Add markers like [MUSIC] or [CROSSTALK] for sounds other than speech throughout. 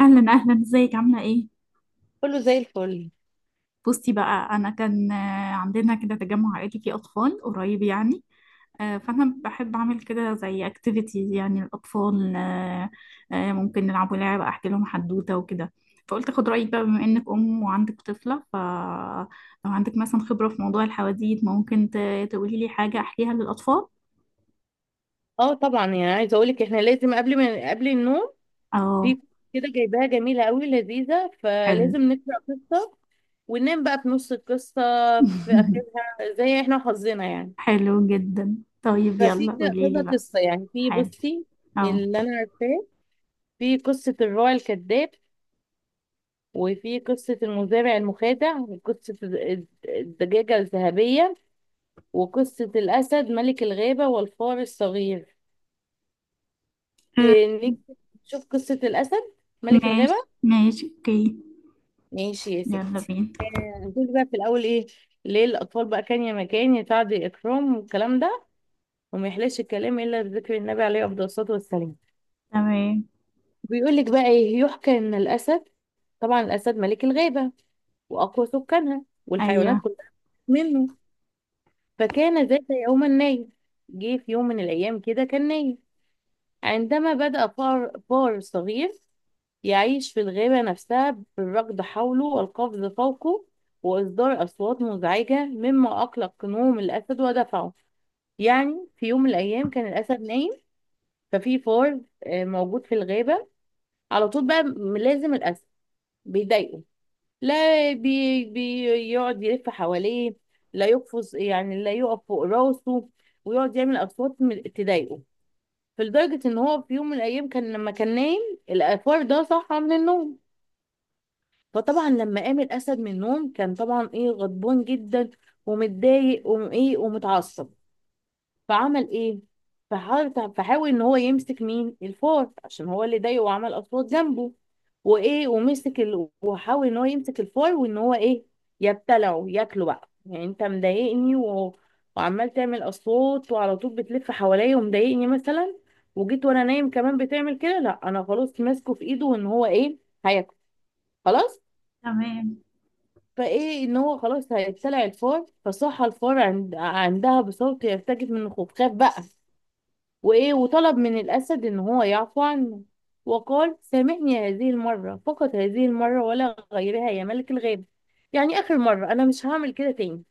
اهلا اهلا، ازيك، عامله ايه؟ كله زي الفل. بصي بقى، انا كان عندنا كده تجمع عائلي فيه اطفال قريب يعني. فانا بحب اعمل كده زي اكتيفيتيز يعني الاطفال. ممكن نلعبوا لعبه، احكي لهم حدوته وكده. فقلت اخد رايك بقى بما انك ام وعندك طفله، فلو عندك مثلا خبره في موضوع الحواديت ممكن تقولي لي حاجه احكيها للاطفال. اه طبعا، يعني عايزه اقول لك، احنا لازم قبل ما قبل النوم اه، في كده جايباها جميله قوي لذيذه، حلو. فلازم نقرا قصه وننام بقى في نص القصه، في [LAUGHS] اخرها زي احنا حظنا يعني. حلو جدا، طيب يلا قولي كذا لي بقى. قصه يعني. في حلو. بصي، اه. اللي انا عارفاه، في قصه الراعي الكذاب، وفي قصه المزارع المخادع، وقصه الدجاجه الذهبيه، وقصه الاسد ملك الغابه والفار الصغير. انك تشوف قصة الأسد ملك الغابة. ماشي ماشي، اوكي. ماشي يا ستي. يلا بينا. هتقولي بقى في الأول إيه؟ ليه الأطفال بقى كان يا مكان يتعد إكرام والكلام ده، وما يحلاش الكلام إلا بذكر النبي عليه أفضل الصلاة والسلام. تمام. بيقول لك بقى إيه، يحكى إن الأسد، طبعا الأسد ملك الغابة وأقوى سكانها والحيوانات ايوه. كلها منه. فكان ذات يوما نايم، جه في يوم من الأيام كده كان نايم، عندما بدأ فار صغير يعيش في الغابة نفسها بالركض حوله والقفز فوقه وإصدار أصوات مزعجة مما أقلق نوم الأسد ودفعه. يعني في يوم من الأيام كان الأسد نايم، ففي فار موجود في الغابة. على طول بقى لازم الأسد بيضايقه، لا، بيقعد يلف حواليه، لا يقفز، يعني لا يقف فوق راسه، ويقعد يعمل أصوات تضايقه. فلدرجة ان هو في يوم من الايام كان لما كان نايم، الافور ده صحى من النوم. فطبعا لما قام الاسد من النوم كان طبعا ايه، غضبان جدا ومتضايق وايه ومتعصب. فعمل ايه؟ فحاول ان هو يمسك مين الفار، عشان هو اللي ضايقه وعمل اصوات جنبه وايه، ومسك ال... وحاول ان هو يمسك الفار وان هو ايه يبتلعه، ياكله بقى، يعني انت مضايقني و... وعمال تعمل اصوات وعلى طول بتلف حواليا ومضايقني مثلا، وجيت وانا نايم كمان بتعمل كده، لا انا خلاص ماسكه في ايده وان هو ايه هياكله خلاص. تمام. فايه ان هو خلاص هيبتلع الفار، فصح الفار عند... عندها بصوت يرتجف من الخوف، خاف بقى وإيه وطلب من الأسد إن هو يعفو عنه. وقال سامحني هذه المرة فقط، هذه المرة ولا غيرها يا ملك الغاب. يعني آخر مرة، أنا مش هعمل كده تاني،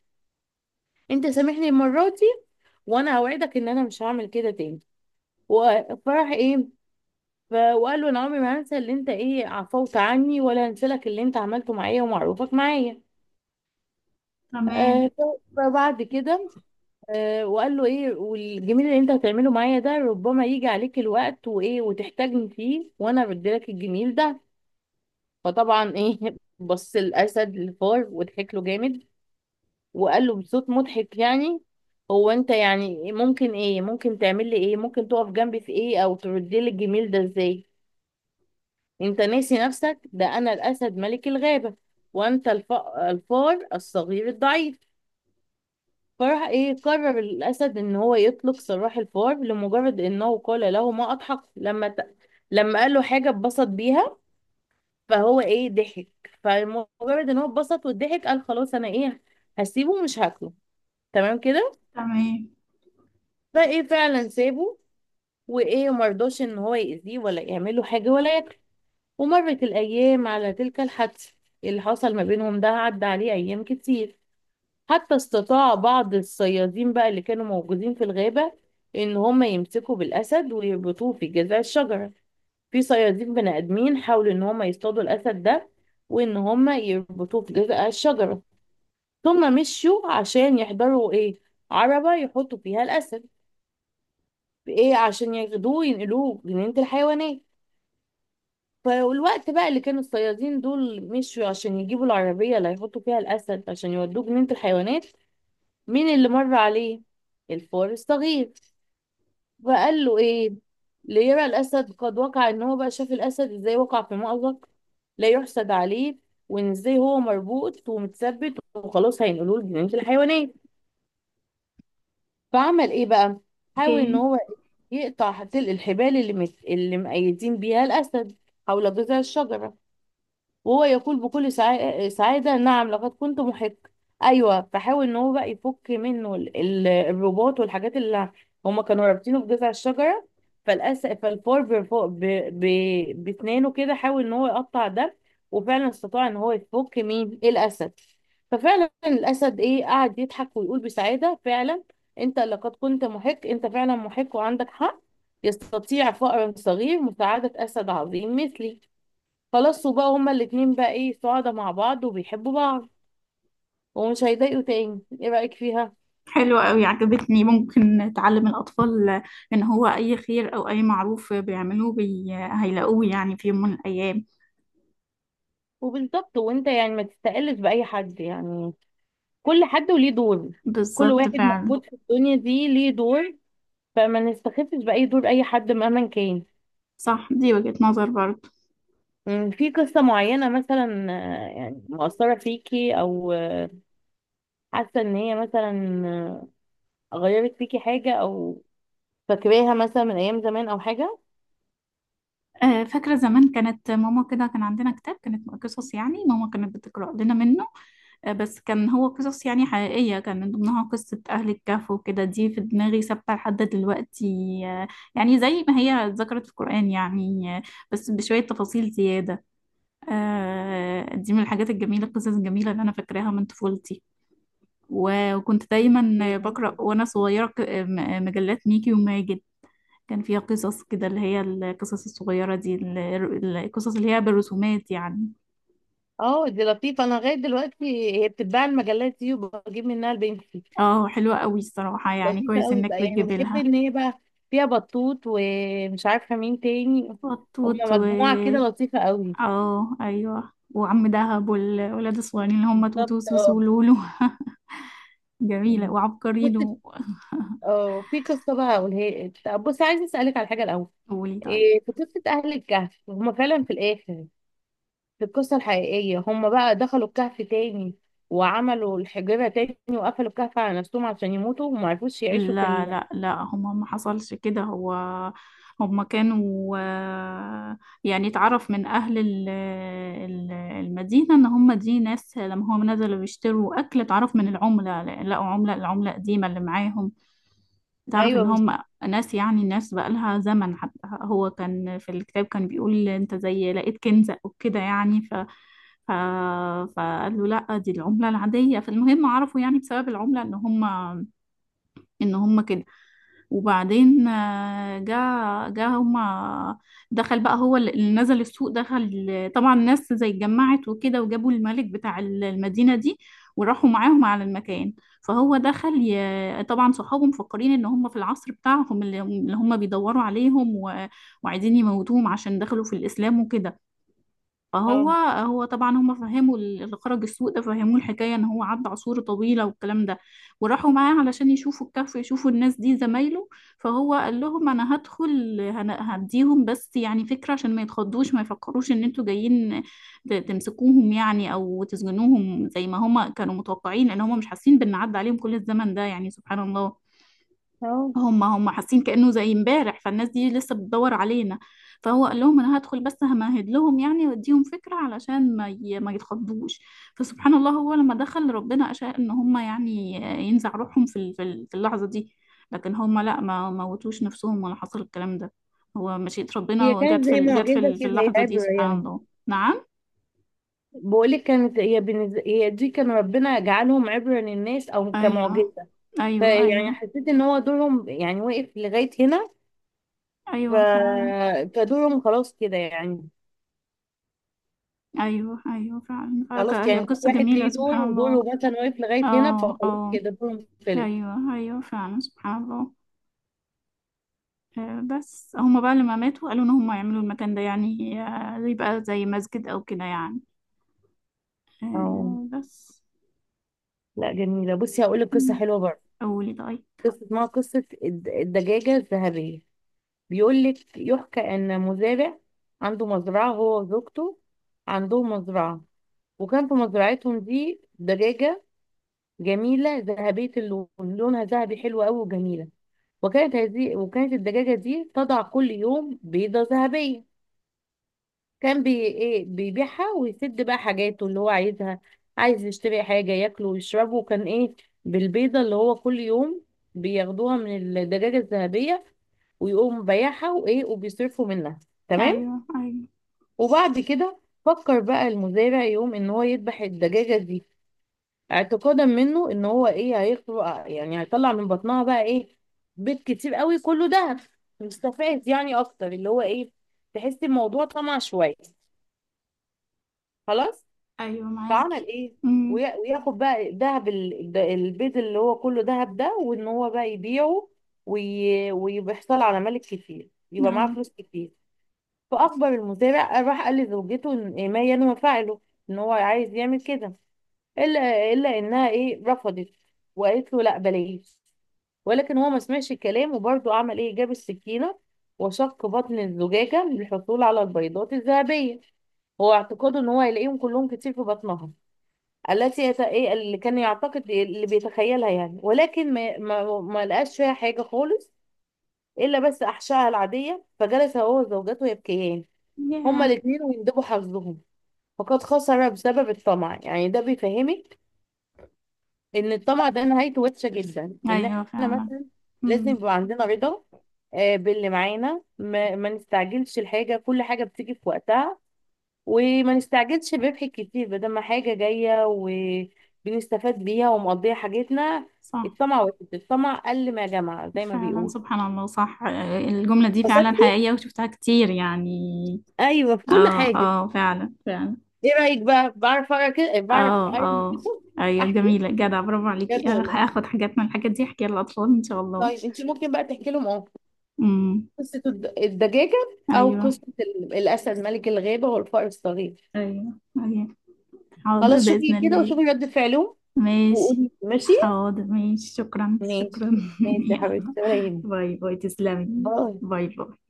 أنت سامحني المرة دي وأنا أوعدك إن أنا مش هعمل كده تاني. وفرح إيه، وقال له أنا عمري ما هنسى اللي أنت إيه عفوت عني، ولا هنسى لك اللي أنت عملته معايا ومعروفك معايا. تمام. فبعد كده وقال له ايه، والجميل اللي انت هتعمله معايا ده ربما يجي عليك الوقت وايه وتحتاجني فيه، وانا بديلك الجميل ده. فطبعا ايه [LAUGHS] بص الاسد للفار وضحك له جامد، وقال له بصوت مضحك يعني، هو انت يعني ممكن ايه، ممكن تعمل لي ايه، ممكن تقف جنبي في ايه او تردي لي الجميل ده ازاي؟ انت ناسي نفسك، ده انا الاسد ملك الغابة، وانت الف... الفار الصغير الضعيف. فراح ايه، قرر الاسد ان هو يطلق سراح الفار لمجرد انه قال له، ما اضحك لما ت... لما قال له حاجه اتبسط بيها فهو ايه ضحك. فمجرد ان هو اتبسط وضحك قال خلاص انا ايه، هسيبه مش هاكله، تمام كده. تمام. فايه فعلا سابه وايه، مرضاش ان هو يأذيه ولا يعمل له حاجه ولا ياكله. ومرت الايام على تلك الحادثه، اللي حصل ما بينهم ده عدى عليه ايام كتير، حتى استطاع بعض الصيادين بقى اللي كانوا موجودين في الغابة إن هم يمسكوا بالأسد ويربطوه في جذع الشجرة. في صيادين بني آدمين حاولوا إن هم يصطادوا الأسد ده، وإن هم يربطوه في جذع الشجرة، ثم مشوا عشان يحضروا إيه، عربة يحطوا فيها الأسد، إيه عشان ياخدوه ينقلوه جنينة الحيوانات. فالوقت بقى اللي كانوا الصيادين دول مشوا عشان يجيبوا العربية اللي هيحطوا فيها الأسد عشان يودوه جنينة الحيوانات، مين اللي مر عليه؟ الفار الصغير. وقال له ايه، ليرى الاسد قد وقع، ان هو بقى شاف الاسد ازاي وقع في مأزق لا يحسد عليه، وان ازاي هو مربوط ومتثبت وخلاص هينقلوه لجنينة الحيوانات. فعمل ايه بقى، حاول ان اوكي. هو يقطع تلق الحبال اللي مقيدين بيها الاسد حول جذع الشجرة. وهو يقول بكل سعادة، نعم لقد كنت محق. أيوة، فحاول إن هو بقى يفك منه الرباط والحاجات اللي هما كانوا رابطينه بجذع الشجرة. فالفار بأسنانه كده حاول إن هو يقطع ده، وفعلا استطاع إن هو يفك مين الأسد. ففعلا الأسد إيه، قعد يضحك ويقول بسعادة، فعلا أنت لقد كنت محق، أنت فعلا محق وعندك حق، يستطيع فأر صغير مساعدة أسد عظيم مثلي. خلاص، وبقى هما الاتنين بقى ايه، سعداء مع بعض وبيحبوا بعض ومش هيضايقوا تاني. ايه رأيك فيها؟ حلوة قوي، عجبتني. ممكن تعلم الأطفال إن هو أي خير أو أي معروف بيعملوه بي... هيلاقوه يعني في يوم من الأيام. وبالظبط، وانت يعني ما تستقلش بأي حد، يعني كل حد وليه دور، كل بالظبط واحد فعلا. موجود في الدنيا دي ليه دور، فما نستخفش بأي دور أي حد مهما كان. صح، دي وجهة نظر برضه. مم، في قصة معينة مثلا يعني مؤثرة فيكي، أو حاسة إن هي مثلا غيرت فيكي حاجة، أو فاكراها مثلا من أيام زمان أو حاجة؟ فاكرة زمان كانت ماما كده، كان عندنا كتاب كانت قصص يعني ماما كانت بتقرأ لنا منه. بس كان هو قصص يعني حقيقية، كان من ضمنها قصة أهل الكهف وكده، دي في دماغي ثابتة لحد دلوقتي. آه، يعني زي ما هي ذكرت في القرآن يعني. بس بشوية تفاصيل زيادة. دي من الحاجات الجميلة، القصص الجميلة اللي أنا فاكراها من طفولتي. وكنت دايما إيه. بقرأ وأنا صغيرة مجلات ميكي وماجد. كان فيها قصص كده، اللي هي القصص الصغيرة دي القصص اللي هي بالرسومات يعني. اه دي لطيفة، انا لغاية دلوقتي هي بتتباع المجلات دي وبجيب منها البنفسي. اه، حلوة قوي الصراحة يعني، لطيفة كويس قوي انك بقى، يعني بتجيب بحب لها. ان هي بقى فيها بطوط ومش عارفة مين تاني، وطوط هما و... مجموعة كده لطيفة قوي. اه ايوه، وعم دهب والولاد الصغيرين اللي هم توتو بالظبط وسوسو اه. ولولو. [LAUGHS] جميلة، بص، وعبقرينو. اه في قصة بقى هقولها لك. طب بص، عايزة اسألك على حاجة الأول. قولي طيب. إيه في قصة أهل الكهف، هما فعلا في الآخر في القصة الحقيقية هما بقى دخلوا الكهف تاني وعملوا الحجرة تاني وقفلوا الكهف على نفسهم عشان يموتوا، وما عرفوش يعيشوا في لا ال...؟ لا لا، هما ما حصلش كده. هو هما كانوا يعني اتعرف من أهل المدينة، إن هما دي ناس لما هم نزلوا بيشتروا أكل اتعرف من العملة، لقوا عملة، العملة قديمة اللي معاهم. تعرف ان ايوه. هم ناس يعني الناس بقالها زمن. حتى هو كان في الكتاب كان بيقول انت زي لقيت كنزة وكده يعني. ف... فقال له لا، دي العملة العادية. فالمهم عرفوا يعني بسبب العملة ان هم كده. وبعدين جا، هما دخل بقى، هو اللي نزل السوق دخل، طبعا الناس زي اتجمعت وكده، وجابوا الملك بتاع المدينة دي وراحوا معاهم على المكان. فهو دخل طبعا صحابه مفكرين ان هم في العصر بتاعهم، اللي هم بيدوروا عليهم وعايزين يموتوهم عشان دخلوا في الإسلام وكده. فهو اه هو طبعا هم فهموا اللي خرج السوق ده فهموه الحكايه، ان هو عدى عصور طويله والكلام ده. وراحوا معاه علشان يشوفوا الكهف، يشوفوا الناس دي زمايله. فهو قال لهم انا هدخل هديهم بس يعني فكره، عشان ما يتخضوش، ما يفكروش ان انتوا جايين تمسكوهم يعني او تسجنوهم، زي ما هم كانوا متوقعين، لان هم مش حاسين بان عدى عليهم كل الزمن ده يعني سبحان الله. اه. هم حاسين كأنه زي امبارح، فالناس دي لسه بتدور علينا. فهو قال لهم انا هدخل بس همهد لهم يعني واديهم فكرة، علشان ما يتخضوش. فسبحان الله هو لما دخل ربنا أشاء ان هم يعني ينزع روحهم في اللحظة دي. لكن هم لا، ما موتوش نفسهم ولا حصل الكلام ده. هو مشيئة ربنا، هي كانت وجت في زي جت في معجزة كده، زي اللحظة دي عبرة سبحان يعني، الله، نعم. بقولك كانت هي بالنسبة، هي دي كان ربنا جعلهم عبرة للناس أو ايوه كمعجزة. ايوه. فيعني ايوه. حسيت إن هو دورهم يعني واقف لغاية هنا. ف... ايوه فعلا. فدورهم خلاص كده يعني. ايوه ايوه خلاص فعلا، هي يعني كل قصة واحد جميلة ليه دور، سبحان الله. ودوره مثلا واقف لغاية هنا، اه فخلاص اه، كده دورهم خلص. ايوه ايوه فعلا سبحان الله. بس هما بقى لما ماتوا قالوا ان هما يعملوا المكان ده يعني يبقى زي مسجد او كده يعني. اه. بس. لا جميلة. بصي هقولك قصة مم. حلوة برضه. قولي طيب. قصة اسمها قصة الدجاجة الذهبية. بيقول لك يحكى ان مزارع عنده مزرعه هو وزوجته، عندهم مزرعه، وكان في مزرعتهم دي دجاجه جميله ذهبيه اللون، لونها ذهبي حلو قوي وجميله. وكانت هذه، وكانت الدجاجه دي تضع كل يوم بيضه ذهبيه، كان ايه بيبيعها ويسد بقى حاجاته اللي هو عايزها، عايز يشتري حاجة ياكله ويشربه، وكان ايه، بالبيضة اللي هو كل يوم بياخدوها من الدجاجة الذهبية، ويقوم بايعها وايه وبيصرفوا منها. تمام. ايوه. ايوه. وبعد كده فكر بقى المزارع يقوم ان هو يذبح الدجاجة دي، اعتقادا منه ان هو ايه هيخلق، يعني هيطلع من بطنها بقى ايه، بيض كتير قوي كله دهب، مستفاد يعني اكتر، اللي هو ايه، تحس الموضوع طمع شوية، خلاص. ايوه فعمل معاكي. ايه؟ امم. وياخد بقى ذهب البيض اللي هو كله ذهب ده وان هو بقى يبيعه، ويحصل على ملك كتير يبقى اهو. معاه فلوس كتير. فاخبر المزارع، راح قال لزوجته إن إيه، ما ينوى فعله، ان هو عايز يعمل كده، الا انها ايه رفضت وقالت له لا بلاش. ولكن هو ما سمعش الكلام وبرضه عمل ايه، جاب السكينه وشق بطن الزجاجه للحصول على البيضات الذهبيه، هو اعتقاده ان هو هيلاقيهم كلهم كتير في بطنها، التي يت... إيه اللي كان يعتقد اللي بيتخيلها يعني. ولكن ما لقاش فيها حاجة خالص، إلا بس أحشائها العادية. فجلس هو وزوجته يبكيان، هما ياه. الاتنين، ويندبوا حظهم، فقد خسر بسبب الطمع. يعني ده بيفهمك إن الطمع ده نهايته وحشة جدا، إن ايوه إحنا فعلا. مثلا لازم امم. يبقى عندنا رضا باللي معانا، ما نستعجلش الحاجة، كل حاجة بتيجي في وقتها، وما نستعجلش بربح كتير بدل ما حاجة جاية وبنستفاد بيها ومقضية حاجتنا. صح. الطمع واحد، الطمع قل ما جمع زي ما فعلا بيقول. سبحان الله، صح. الجملة دي فعلا بسطتي. حقيقية وشفتها كتير يعني. ايوه في كل اه حاجة. اه فعلا فعلا. ايه رأيك بقى، بعرف اقرا كده؟ إيه، بعرف اه اقرا اه كده. ايوه، احكي جميلة جدع، برافو عليكي. بجد والله. هاخد حاجات من الحاجات دي احكيها للاطفال ان شاء الله. طيب انت ممكن بقى تحكي لهم اه امم. قصة الدجاجة، او ايوه قصة الاسد ملك الغابة والفار الصغير. ايوه ايوه. حاضر خلاص باذن شوفي كده الله. وشوفي رد فعلهم، ماشي. وقولي ماشي. حاضر، ماشي، شكرا ماشي. شكرا. ماشي [LAUGHS] يا يلا، حبيبتي ولا يهمك. باي باي، تسلمي. باي. باي باي.